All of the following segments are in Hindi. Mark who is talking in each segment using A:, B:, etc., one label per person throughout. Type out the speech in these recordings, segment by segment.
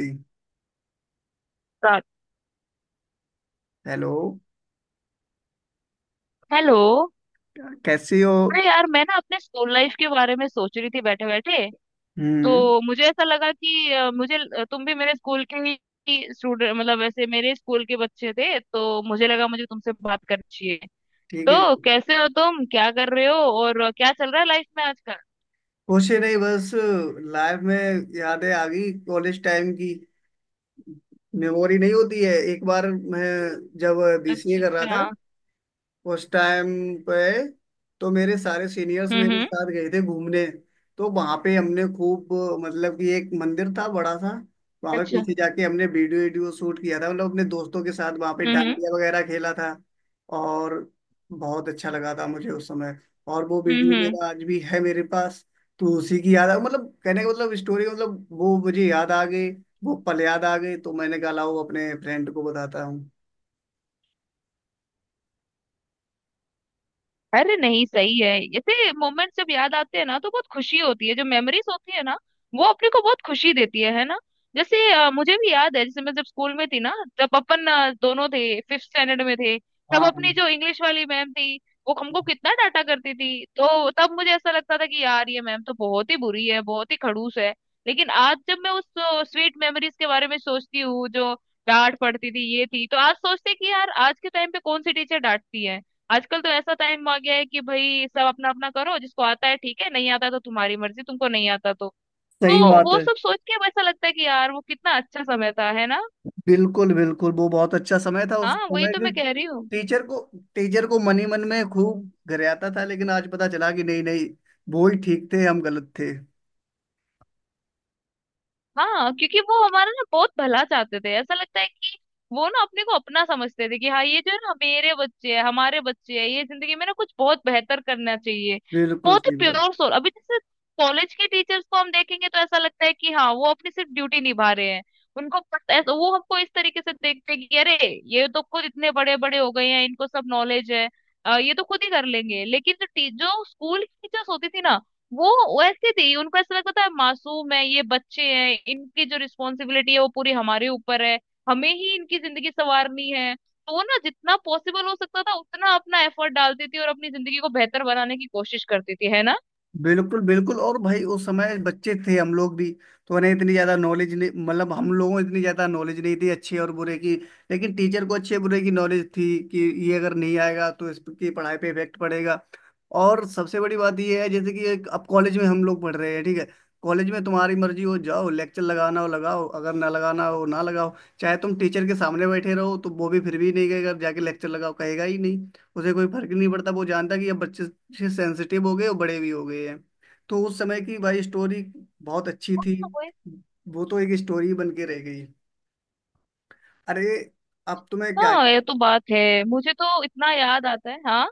A: जी।
B: रात।
A: हेलो।
B: हेलो।
A: कैसी हो।
B: अरे यार मैं ना अपने स्कूल लाइफ के बारे में सोच रही थी बैठे बैठे।
A: हम्म।
B: तो मुझे ऐसा लगा कि मुझे तुम भी मेरे स्कूल के ही स्टूडेंट, मतलब वैसे मेरे स्कूल के बच्चे थे, तो मुझे लगा मुझे तुमसे बात करनी चाहिए।
A: ठीक है।
B: तो कैसे हो तुम, क्या कर रहे हो और क्या चल रहा है लाइफ में आजकल?
A: कुछ नहीं, बस लाइफ में यादें आ गई कॉलेज टाइम की। मेमोरी नहीं होती है एक बार। मैं जब बीसीए
B: अच्छा
A: कर रहा था
B: अच्छा।
A: उस टाइम पे, तो मेरे सारे सीनियर्स मेरे
B: हम्म।
A: साथ गए थे घूमने। तो वहां पे हमने खूब, मतलब कि एक मंदिर था बड़ा सा, वहां पे
B: अच्छा।
A: पीछे जाके हमने वीडियो वीडियो शूट किया था, मतलब अपने दोस्तों के साथ वहां पे
B: हम्म
A: डांडिया वगैरह खेला था। और बहुत अच्छा लगा था मुझे उस समय। और वो वीडियो
B: हम्म।
A: मेरा आज भी है मेरे पास। तो उसी की याद आ, मतलब कहने का मतलब स्टोरी, मतलब वो मुझे याद आ गई। वो पल याद आ गए, तो मैंने कहा लाओ अपने फ्रेंड को बताता हूँ।
B: अरे नहीं, सही है। ऐसे मोमेंट जब याद आते हैं ना तो बहुत खुशी होती है, जो मेमोरीज होती है ना वो अपने को बहुत खुशी देती है ना। जैसे मुझे भी याद है, जैसे मैं जब स्कूल में थी ना, तब अपन दोनों थे, फिफ्थ स्टैंडर्ड में थे। तब
A: हाँ,
B: अपनी जो इंग्लिश वाली मैम थी वो हमको कितना डांटा करती थी, तो तब मुझे ऐसा लगता था कि यार ये मैम तो बहुत ही बुरी है, बहुत ही खड़ूस है। लेकिन आज जब मैं उस स्वीट मेमोरीज के बारे में सोचती हूँ, जो डांट पड़ती थी ये थी, तो आज सोचते हैं कि यार आज के टाइम पे कौन सी टीचर डांटती है। आजकल तो ऐसा टाइम आ गया है कि भाई सब अपना अपना करो, जिसको आता है ठीक है, नहीं आता है तो तुम्हारी मर्जी, तुमको नहीं आता तो
A: सही
B: तो
A: बात
B: वो
A: है।
B: सब सोच के अब ऐसा लगता है कि यार वो कितना अच्छा समय था, है ना।
A: बिल्कुल बिल्कुल, वो बहुत अच्छा समय था उस
B: हाँ वही
A: समय
B: तो
A: के।
B: मैं कह रही हूँ।
A: टीचर को टीचर को मन ही मन में खूब गरियाता था, लेकिन आज पता चला कि नहीं नहीं, वो ही ठीक थे, हम गलत थे।
B: हाँ, क्योंकि वो हमारा ना बहुत भला चाहते थे, ऐसा लगता है कि वो ना अपने को अपना समझते थे कि हाँ ये जो है ना मेरे बच्चे हैं, हमारे बच्चे हैं, ये जिंदगी में ना कुछ बहुत बेहतर करना चाहिए।
A: बिल्कुल
B: बहुत ही
A: सही बात।
B: Pure soul. अभी जैसे कॉलेज के टीचर्स को हम देखेंगे तो ऐसा लगता है कि हाँ वो अपनी सिर्फ ड्यूटी निभा रहे हैं। उनको पता ऐसा, वो हमको इस तरीके से देखते हैं कि अरे ये तो खुद इतने बड़े बड़े हो गए हैं, इनको सब नॉलेज है, ये तो खुद ही कर लेंगे। लेकिन जो जो स्कूल की टीचर्स होती थी ना वो वैसे थी, उनको ऐसा लगता था मासूम है, ये बच्चे हैं, इनकी जो रिस्पॉन्सिबिलिटी है वो पूरी हमारे ऊपर है, हमें ही इनकी जिंदगी संवारनी है, तो वो ना जितना पॉसिबल हो सकता था उतना अपना एफर्ट डालती थी और अपनी जिंदगी को बेहतर बनाने की कोशिश करती थी, है ना।
A: बिल्कुल बिल्कुल, और भाई उस समय बच्चे थे हम लोग भी। तो उन्हें इतनी ज्यादा नॉलेज नहीं, मतलब हम लोगों को इतनी ज्यादा नॉलेज नहीं थी अच्छे और बुरे की। लेकिन टीचर को अच्छे बुरे की नॉलेज थी कि ये अगर नहीं आएगा तो इसकी पढ़ाई पे इफेक्ट पड़ेगा। और सबसे बड़ी बात यह है, जैसे कि एक अब कॉलेज में हम लोग पढ़ रहे हैं, ठीक है। कॉलेज में तुम्हारी मर्जी, हो जाओ लेक्चर लगाना हो लगाओ, अगर ना लगाना हो ना लगाओ, चाहे तुम टीचर के सामने बैठे रहो तो वो भी फिर भी नहीं कहेगा जाके लेक्चर लगाओ, कहेगा ही नहीं। उसे कोई फर्क ही नहीं पड़ता। वो जानता कि अब बच्चे सेंसिटिव हो गए और बड़े भी हो गए हैं। तो उस समय की भाई स्टोरी बहुत अच्छी थी।
B: तो वही-
A: वो तो एक स्टोरी बन के रह गई। अरे, अब तुम्हें क्या।
B: हाँ ये तो बात है। मुझे तो इतना याद आता है, हाँ।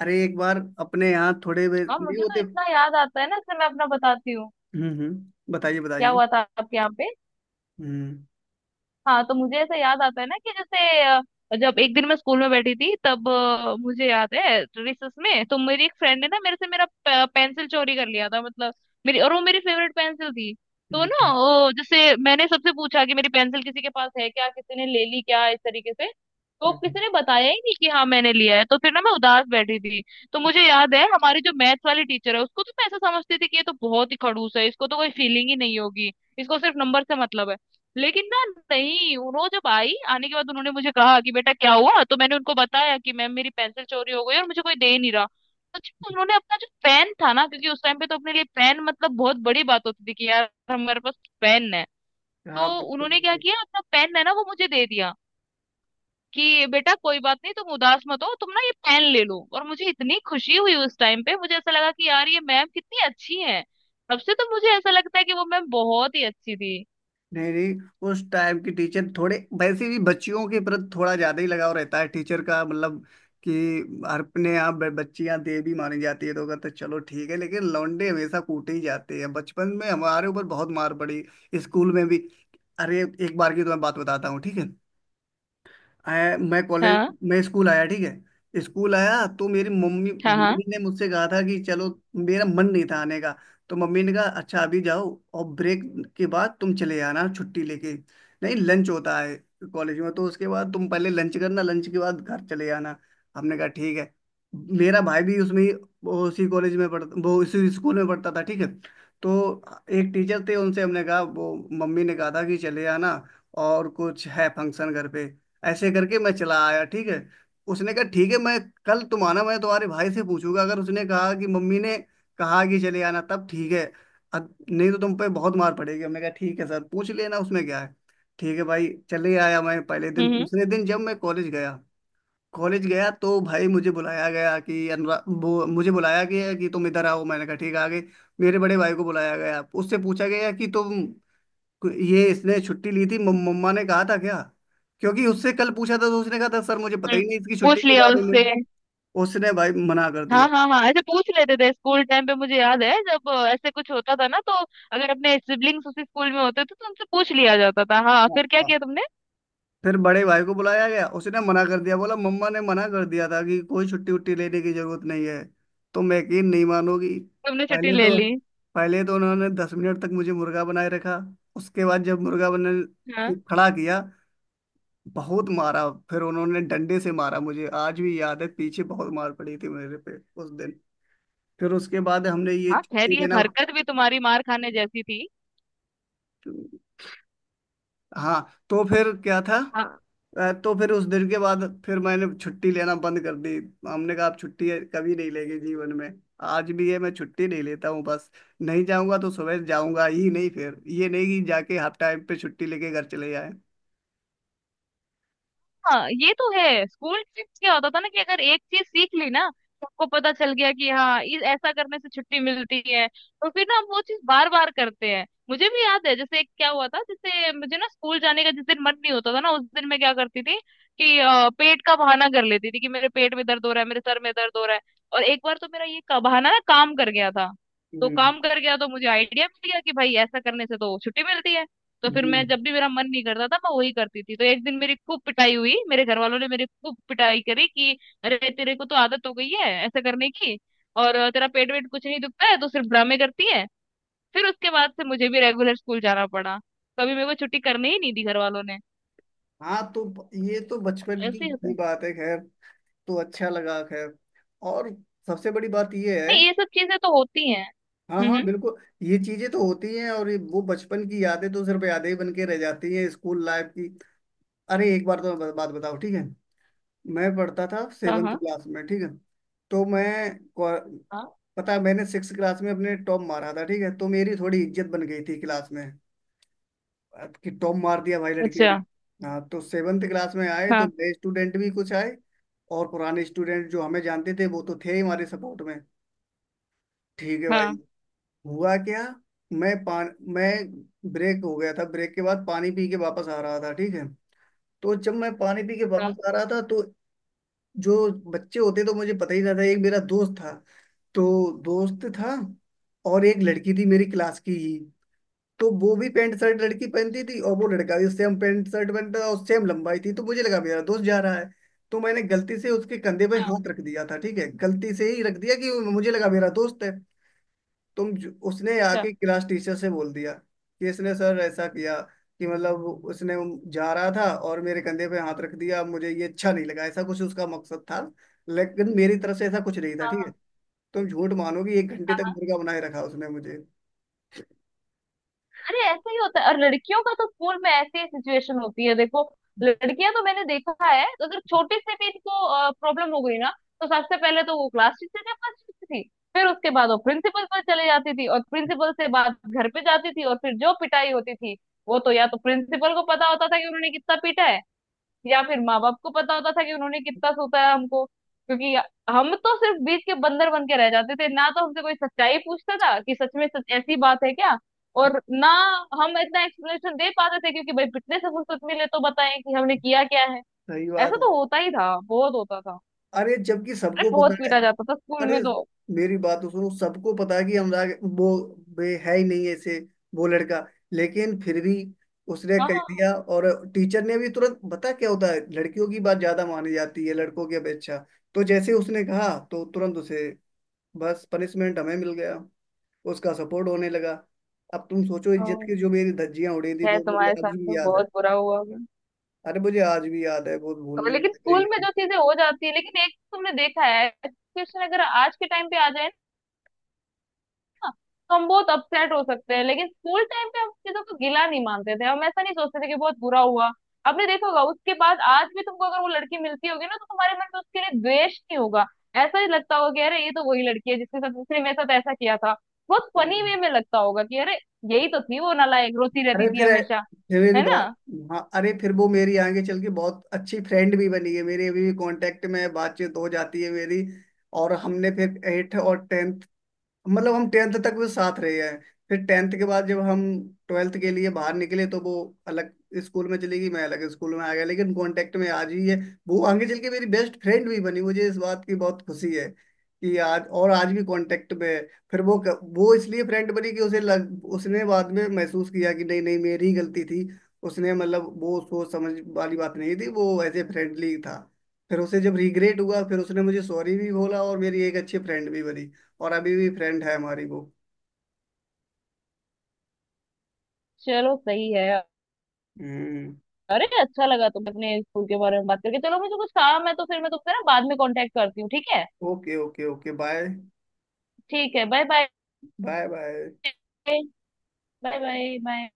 A: अरे एक बार अपने यहाँ थोड़े
B: हाँ,
A: नहीं
B: मुझे तो
A: होते।
B: इतना याद आता है ना, इसलिए मैं अपना बताती हूँ।
A: हम्म, बताइए
B: क्या
A: बताइए।
B: हुआ था आपके यहाँ पे?
A: हम्म।
B: हाँ, तो मुझे ऐसा याद आता है ना कि जैसे जब एक दिन मैं स्कूल में बैठी थी, तब मुझे याद है रिसेस में तो मेरी एक फ्रेंड ने ना मेरे से मेरा पेंसिल चोरी कर लिया था, मतलब मेरी, और वो मेरी फेवरेट पेंसिल थी। तो
A: बिल्कुल,
B: ना वो जैसे मैंने सबसे पूछा कि मेरी पेंसिल किसी के पास है क्या, किसी ने ले ली क्या, इस तरीके से। तो
A: बिल्कुल।
B: किसी ने बताया ही नहीं कि हाँ मैंने लिया है, तो फिर ना मैं उदास बैठी थी। तो मुझे याद है हमारी जो मैथ्स वाली टीचर है उसको तो मैं ऐसा समझती थी कि ये तो बहुत ही खड़ूस है, इसको तो कोई फीलिंग ही नहीं होगी, इसको सिर्फ नंबर से मतलब है। लेकिन ना, नहीं, उन्होंने जब आई आने के बाद उन्होंने मुझे कहा कि बेटा क्या हुआ, तो मैंने उनको बताया कि मैम मेरी पेंसिल चोरी हो गई और मुझे कोई दे नहीं रहा। अच्छा, उन्होंने अपना जो पेन था ना, क्योंकि उस टाइम पे तो अपने लिए पेन मतलब बहुत बड़ी बात होती थी, कि यार हमारे पास पेन है।
A: हाँ
B: तो
A: बिल्कुल
B: उन्होंने क्या
A: बिल्कुल।
B: किया, अपना पेन है ना वो मुझे दे दिया कि बेटा कोई बात नहीं, तुम उदास मत हो, तुम ना ये पेन ले लो, और मुझे इतनी खुशी हुई उस टाइम पे, मुझे ऐसा लगा कि यार ये मैम कितनी अच्छी है। तब से तो मुझे ऐसा लगता है कि वो मैम बहुत ही अच्छी थी।
A: नहीं नहीं, उस टाइम की टीचर थोड़े वैसे भी, बच्चियों के प्रति थोड़ा ज्यादा ही लगाव रहता है टीचर का, मतलब कि अपने यहाँ बच्चियाँ देवी मानी जाती है, तो कहते हैं चलो ठीक है, लेकिन लौंडे हमेशा कूटे ही जाते हैं। बचपन में हमारे ऊपर बहुत मार पड़ी, स्कूल में भी। अरे एक बार की तो मैं बात बताता हूँ, ठीक है। आया मैं कॉलेज,
B: हाँ
A: मैं स्कूल आया, ठीक है। स्कूल आया तो मेरी मम्मी
B: हाँ हाँ।
A: मम्मी ने मुझसे कहा था कि चलो। मेरा मन नहीं था आने का। तो मम्मी ने कहा अच्छा अभी जाओ, और ब्रेक के बाद तुम चले आना छुट्टी लेके। नहीं, लंच होता है कॉलेज में, तो उसके बाद तुम पहले लंच करना, लंच के बाद घर चले आना। हमने कहा ठीक है। मेरा भाई भी वो उसी कॉलेज में पढ़ता, वो उसी स्कूल में पढ़ता था, ठीक है। तो एक टीचर थे, उनसे हमने कहा वो मम्मी ने कहा था कि चले आना, और कुछ है फंक्शन घर पे, ऐसे करके मैं चला आया ठीक है। उसने कहा ठीक है, मैं कल तुम आना, मैं तुम्हारे भाई से पूछूंगा, अगर उसने कहा कि मम्मी ने कहा कि चले आना तब ठीक है, नहीं तो तुम पे बहुत मार पड़ेगी। हमने कहा ठीक है सर, पूछ लेना उसमें क्या है। ठीक है भाई चले आया मैं पहले दिन।
B: हम्म हम्म।
A: दूसरे दिन जब मैं कॉलेज गया, कॉलेज गया तो भाई मुझे बुलाया गया कि अनुरा वो, मुझे बुलाया गया कि तुम इधर आओ, मैंने कहा ठीक है, आ गए। मेरे बड़े भाई को बुलाया गया, उससे पूछा गया कि तुम, ये इसने छुट्टी ली थी, मम्मा ने कहा था क्या, क्योंकि उससे कल पूछा था तो उसने कहा था सर मुझे पता
B: हम्म,
A: ही नहीं इसकी छुट्टी
B: पूछ
A: के
B: लिया
A: बारे
B: उससे।
A: में। उसने भाई मना कर दिया।
B: हाँ हाँ हाँ, ऐसे पूछ लेते थे स्कूल टाइम पे। मुझे याद है जब ऐसे कुछ होता था ना, तो अगर अपने सिबलिंग्स उसी स्कूल में होते थे तो उनसे पूछ लिया जाता था, हाँ
A: हाँ,
B: फिर क्या
A: हाँ।
B: किया तुमने।
A: फिर बड़े भाई को बुलाया गया, उसने मना कर दिया, बोला मम्मा ने मना कर दिया था कि कोई छुट्टी उट्टी लेने की जरूरत नहीं है। तो मैं, यकीन नहीं मानोगी,
B: तुमने छुट्टी
A: पहले
B: ले
A: तो
B: ली?
A: पहले तो उन्होंने 10 मिनट तक मुझे मुर्गा बनाए रखा। उसके बाद जब मुर्गा बनाने
B: हाँ
A: खड़ा किया, बहुत मारा, फिर उन्होंने डंडे से मारा, मुझे आज भी याद है पीछे बहुत मार पड़ी थी मेरे पे उस दिन। फिर उसके बाद हमने ये
B: हाँ, खैर
A: छुट्टी
B: ये
A: देना,
B: हरकत भी तुम्हारी मार खाने जैसी थी।
A: हाँ, तो फिर क्या था। तो फिर उस दिन के बाद फिर मैंने छुट्टी लेना बंद कर दी। हमने कहा आप छुट्टी कभी नहीं लेंगे जीवन में। आज भी है, मैं छुट्टी नहीं लेता हूँ बस। नहीं जाऊंगा तो सुबह जाऊंगा ही नहीं, फिर ये नहीं कि जाके हाफ टाइम पे छुट्टी लेके घर चले जाए।
B: हाँ ये तो है, स्कूल ट्रिप क्या होता था ना कि अगर एक चीज सीख ली ना, सबको पता चल गया कि हाँ इस ऐसा करने से छुट्टी मिलती है, तो फिर ना हम वो चीज बार बार करते हैं। मुझे भी याद है जैसे क्या हुआ था, जैसे मुझे ना स्कूल जाने का जिस दिन मन नहीं होता था ना उस दिन मैं क्या करती थी कि पेट का बहाना कर लेती थी कि मेरे पेट में दर्द हो रहा है, मेरे सर में दर्द हो रहा है। और एक बार तो मेरा ये बहाना ना काम कर गया था, तो
A: हम्म
B: काम कर गया तो मुझे आइडिया मिल गया कि भाई ऐसा करने से तो छुट्टी मिलती है। तो फिर
A: हम्म।
B: मैं जब भी मेरा मन नहीं करता था मैं वही करती थी, तो एक दिन मेरी खूब पिटाई हुई, मेरे घर वालों ने मेरी खूब पिटाई करी कि अरे तेरे को तो आदत हो गई है ऐसे करने की, और तेरा पेट वेट कुछ नहीं दुखता है, तो सिर्फ ड्रामे करती है। फिर उसके बाद से मुझे भी रेगुलर स्कूल जाना पड़ा, कभी मेरे को छुट्टी करने ही नहीं दी घर वालों ने।
A: हाँ, तो ये तो बचपन की
B: ऐसे ही होता
A: ही
B: है।
A: बात है खैर। तो अच्छा लगा खैर, और सबसे बड़ी बात ये है।
B: नहीं ये सब चीजें तो होती हैं।
A: हाँ हाँ,
B: हम्म।
A: बिल्कुल। ये चीजें तो होती हैं, और वो बचपन की यादें तो सिर्फ यादें ही बन के रह जाती हैं स्कूल लाइफ की। अरे एक बार तो मैं बात बताओ ठीक है। मैं पढ़ता था
B: हाँ
A: सेवन्थ
B: हाँ
A: क्लास में, ठीक है। तो को-
B: हाँ।
A: पता है, मैंने सिक्स क्लास में अपने टॉप मारा था ठीक है, तो मेरी थोड़ी इज्जत बन गई थी क्लास में, अब कि टॉप मार दिया भाई लड़के
B: अच्छा।
A: ने। हाँ, तो सेवन्थ क्लास में आए तो
B: हाँ
A: नए स्टूडेंट भी कुछ आए, और पुराने स्टूडेंट जो हमें जानते थे वो तो थे ही हमारे सपोर्ट में, ठीक है भाई।
B: हाँ
A: हुआ क्या, मैं पान मैं ब्रेक हो गया था, ब्रेक के बाद पानी पी के वापस आ रहा था ठीक है। तो जब मैं पानी पी के
B: हाँ।
A: वापस आ रहा था, तो जो बच्चे होते तो मुझे पता ही ना था, एक मेरा दोस्त था, तो दोस्त था और एक लड़की थी मेरी क्लास की ही। तो वो भी पैंट शर्ट लड़की पहनती थी, और वो लड़का भी सेम पैंट शर्ट पहनता था और सेम लंबाई थी, तो मुझे लगा मेरा दोस्त जा रहा है। तो मैंने गलती से उसके कंधे पे हाथ रख दिया था, ठीक है, गलती से ही रख दिया कि मुझे लगा मेरा दोस्त है। उसने
B: अच्छा।
A: आके क्लास टीचर से बोल दिया कि इसने सर ऐसा किया कि, मतलब उसने, जा रहा था और मेरे कंधे पे हाथ रख दिया, मुझे ये अच्छा नहीं लगा, ऐसा कुछ उसका मकसद था। लेकिन मेरी तरफ से ऐसा कुछ नहीं था
B: हाँ
A: ठीक है।
B: हाँ
A: तुम झूठ मानोगी, 1 घंटे तक
B: हाँ।
A: मुर्गा बनाए रखा उसने मुझे।
B: अरे ऐसे ही होता है, और लड़कियों का तो स्कूल में ऐसी ही सिचुएशन होती है, देखो। लड़कियां तो मैंने देखा है, तो अगर छोटी से भी इनको प्रॉब्लम हो गई ना तो सबसे पहले तो वो क्लास टीचर के पास जाती थी, फिर उसके बाद वो प्रिंसिपल पर चले जाती थी, और प्रिंसिपल से बात घर पे जाती थी, और फिर जो पिटाई होती थी वो तो या तो प्रिंसिपल को पता होता था कि उन्होंने कितना पीटा है, या फिर माँ बाप को पता होता था कि उन्होंने कितना सोता है हमको, क्योंकि हम तो सिर्फ बीच के बंदर बन के रह जाते थे ना, तो हमसे कोई सच्चाई पूछता था कि सच में सच ऐसी बात है क्या। और ना हम इतना एक्सप्लेनेशन दे पाते थे, क्योंकि भाई पिछले से फुर्सत मिले तो बताएं कि हमने किया क्या है।
A: सही बात,
B: ऐसा तो होता ही था, बहुत होता था।
A: अरे जबकि
B: अरे
A: सबको
B: बहुत
A: पता है।
B: पीटा जाता था स्कूल
A: अरे
B: में तो।
A: मेरी बात तो सुनो, सबको पता है कि अनुराग वो, वे है ही नहीं ऐसे, वो लड़का, लेकिन फिर भी उसने कह
B: हाँ
A: दिया। और टीचर ने भी तुरंत, बता क्या होता है, लड़कियों की बात ज्यादा मानी जाती है लड़कों की अपेक्षा। तो जैसे उसने कहा तो तुरंत उसे, बस पनिशमेंट हमें मिल गया, उसका सपोर्ट होने लगा। अब तुम सोचो इज्जत की
B: हाँ,
A: जो मेरी धज्जियां उड़ी थी
B: है,
A: वो मुझे
B: तुम्हारे
A: आज
B: साथ
A: भी
B: तो
A: याद है।
B: बहुत बुरा हुआ होगा।
A: अरे मुझे आज भी याद है, वो
B: तो
A: भूलने
B: लेकिन
A: लायक है
B: स्कूल में
A: ही
B: जो चीजें हो जाती है, लेकिन एक तो तुमने देखा है सिचुएशन, अगर आज के टाइम पे आ जाए तो हम बहुत अपसेट हो सकते हैं, लेकिन स्कूल टाइम पे हम चीजों को गिला नहीं मानते थे, हम ऐसा नहीं सोचते थे कि बहुत बुरा हुआ। आपने देखा होगा, उसके बाद आज भी तुमको अगर वो लड़की मिलती होगी ना तो तुम्हारे मन में उसके लिए द्वेष नहीं होगा, ऐसा ही लगता होगा कि अरे ये तो वही लड़की है जिसके साथ उसने मेरे साथ ऐसा किया था। बहुत फनी
A: नहीं।
B: वे में लगता होगा कि अरे यही तो थी वो नालायक, रोती
A: अरे
B: रहती थी
A: फिर
B: हमेशा,
A: फिर मेरी
B: है ना।
A: बात, हाँ। अरे फिर वो मेरी आगे चल के बहुत अच्छी फ्रेंड भी बनी है, मेरी अभी भी कांटेक्ट में है, बातचीत हो जाती है मेरी। और हमने फिर एट और टेंथ, मतलब हम टेंथ तक वो साथ रहे हैं। फिर टेंथ के बाद जब हम ट्वेल्थ के लिए बाहर निकले, तो वो अलग स्कूल में चली गई, मैं अलग स्कूल में आ गया, लेकिन कांटेक्ट में आज ही है। वो आगे चल के मेरी बेस्ट फ्रेंड भी बनी, मुझे इस बात की बहुत खुशी है कि आज, और आज भी कांटेक्ट में है। फिर वो वो इसलिए फ्रेंड बनी कि उसे लग, उसने बाद में महसूस किया कि नहीं नहीं मेरी ही गलती थी, उसने मतलब वो सोच समझ वाली बात नहीं थी, वो ऐसे फ्रेंडली था। फिर उसे जब रिग्रेट हुआ, फिर उसने मुझे सॉरी भी बोला और मेरी एक अच्छी फ्रेंड भी बनी, और अभी भी फ्रेंड है हमारी वो।
B: चलो सही है।
A: हम्म।
B: अरे अच्छा लगा तुम अपने स्कूल के बारे में बात करके, चलो मुझे कुछ काम है तो फिर मैं तुमसे ना बाद में कांटेक्ट करती हूँ, ठीक है।
A: Okay okay okay, bye.
B: ठीक है, bye bye
A: bye bye.
B: Bye bye bye.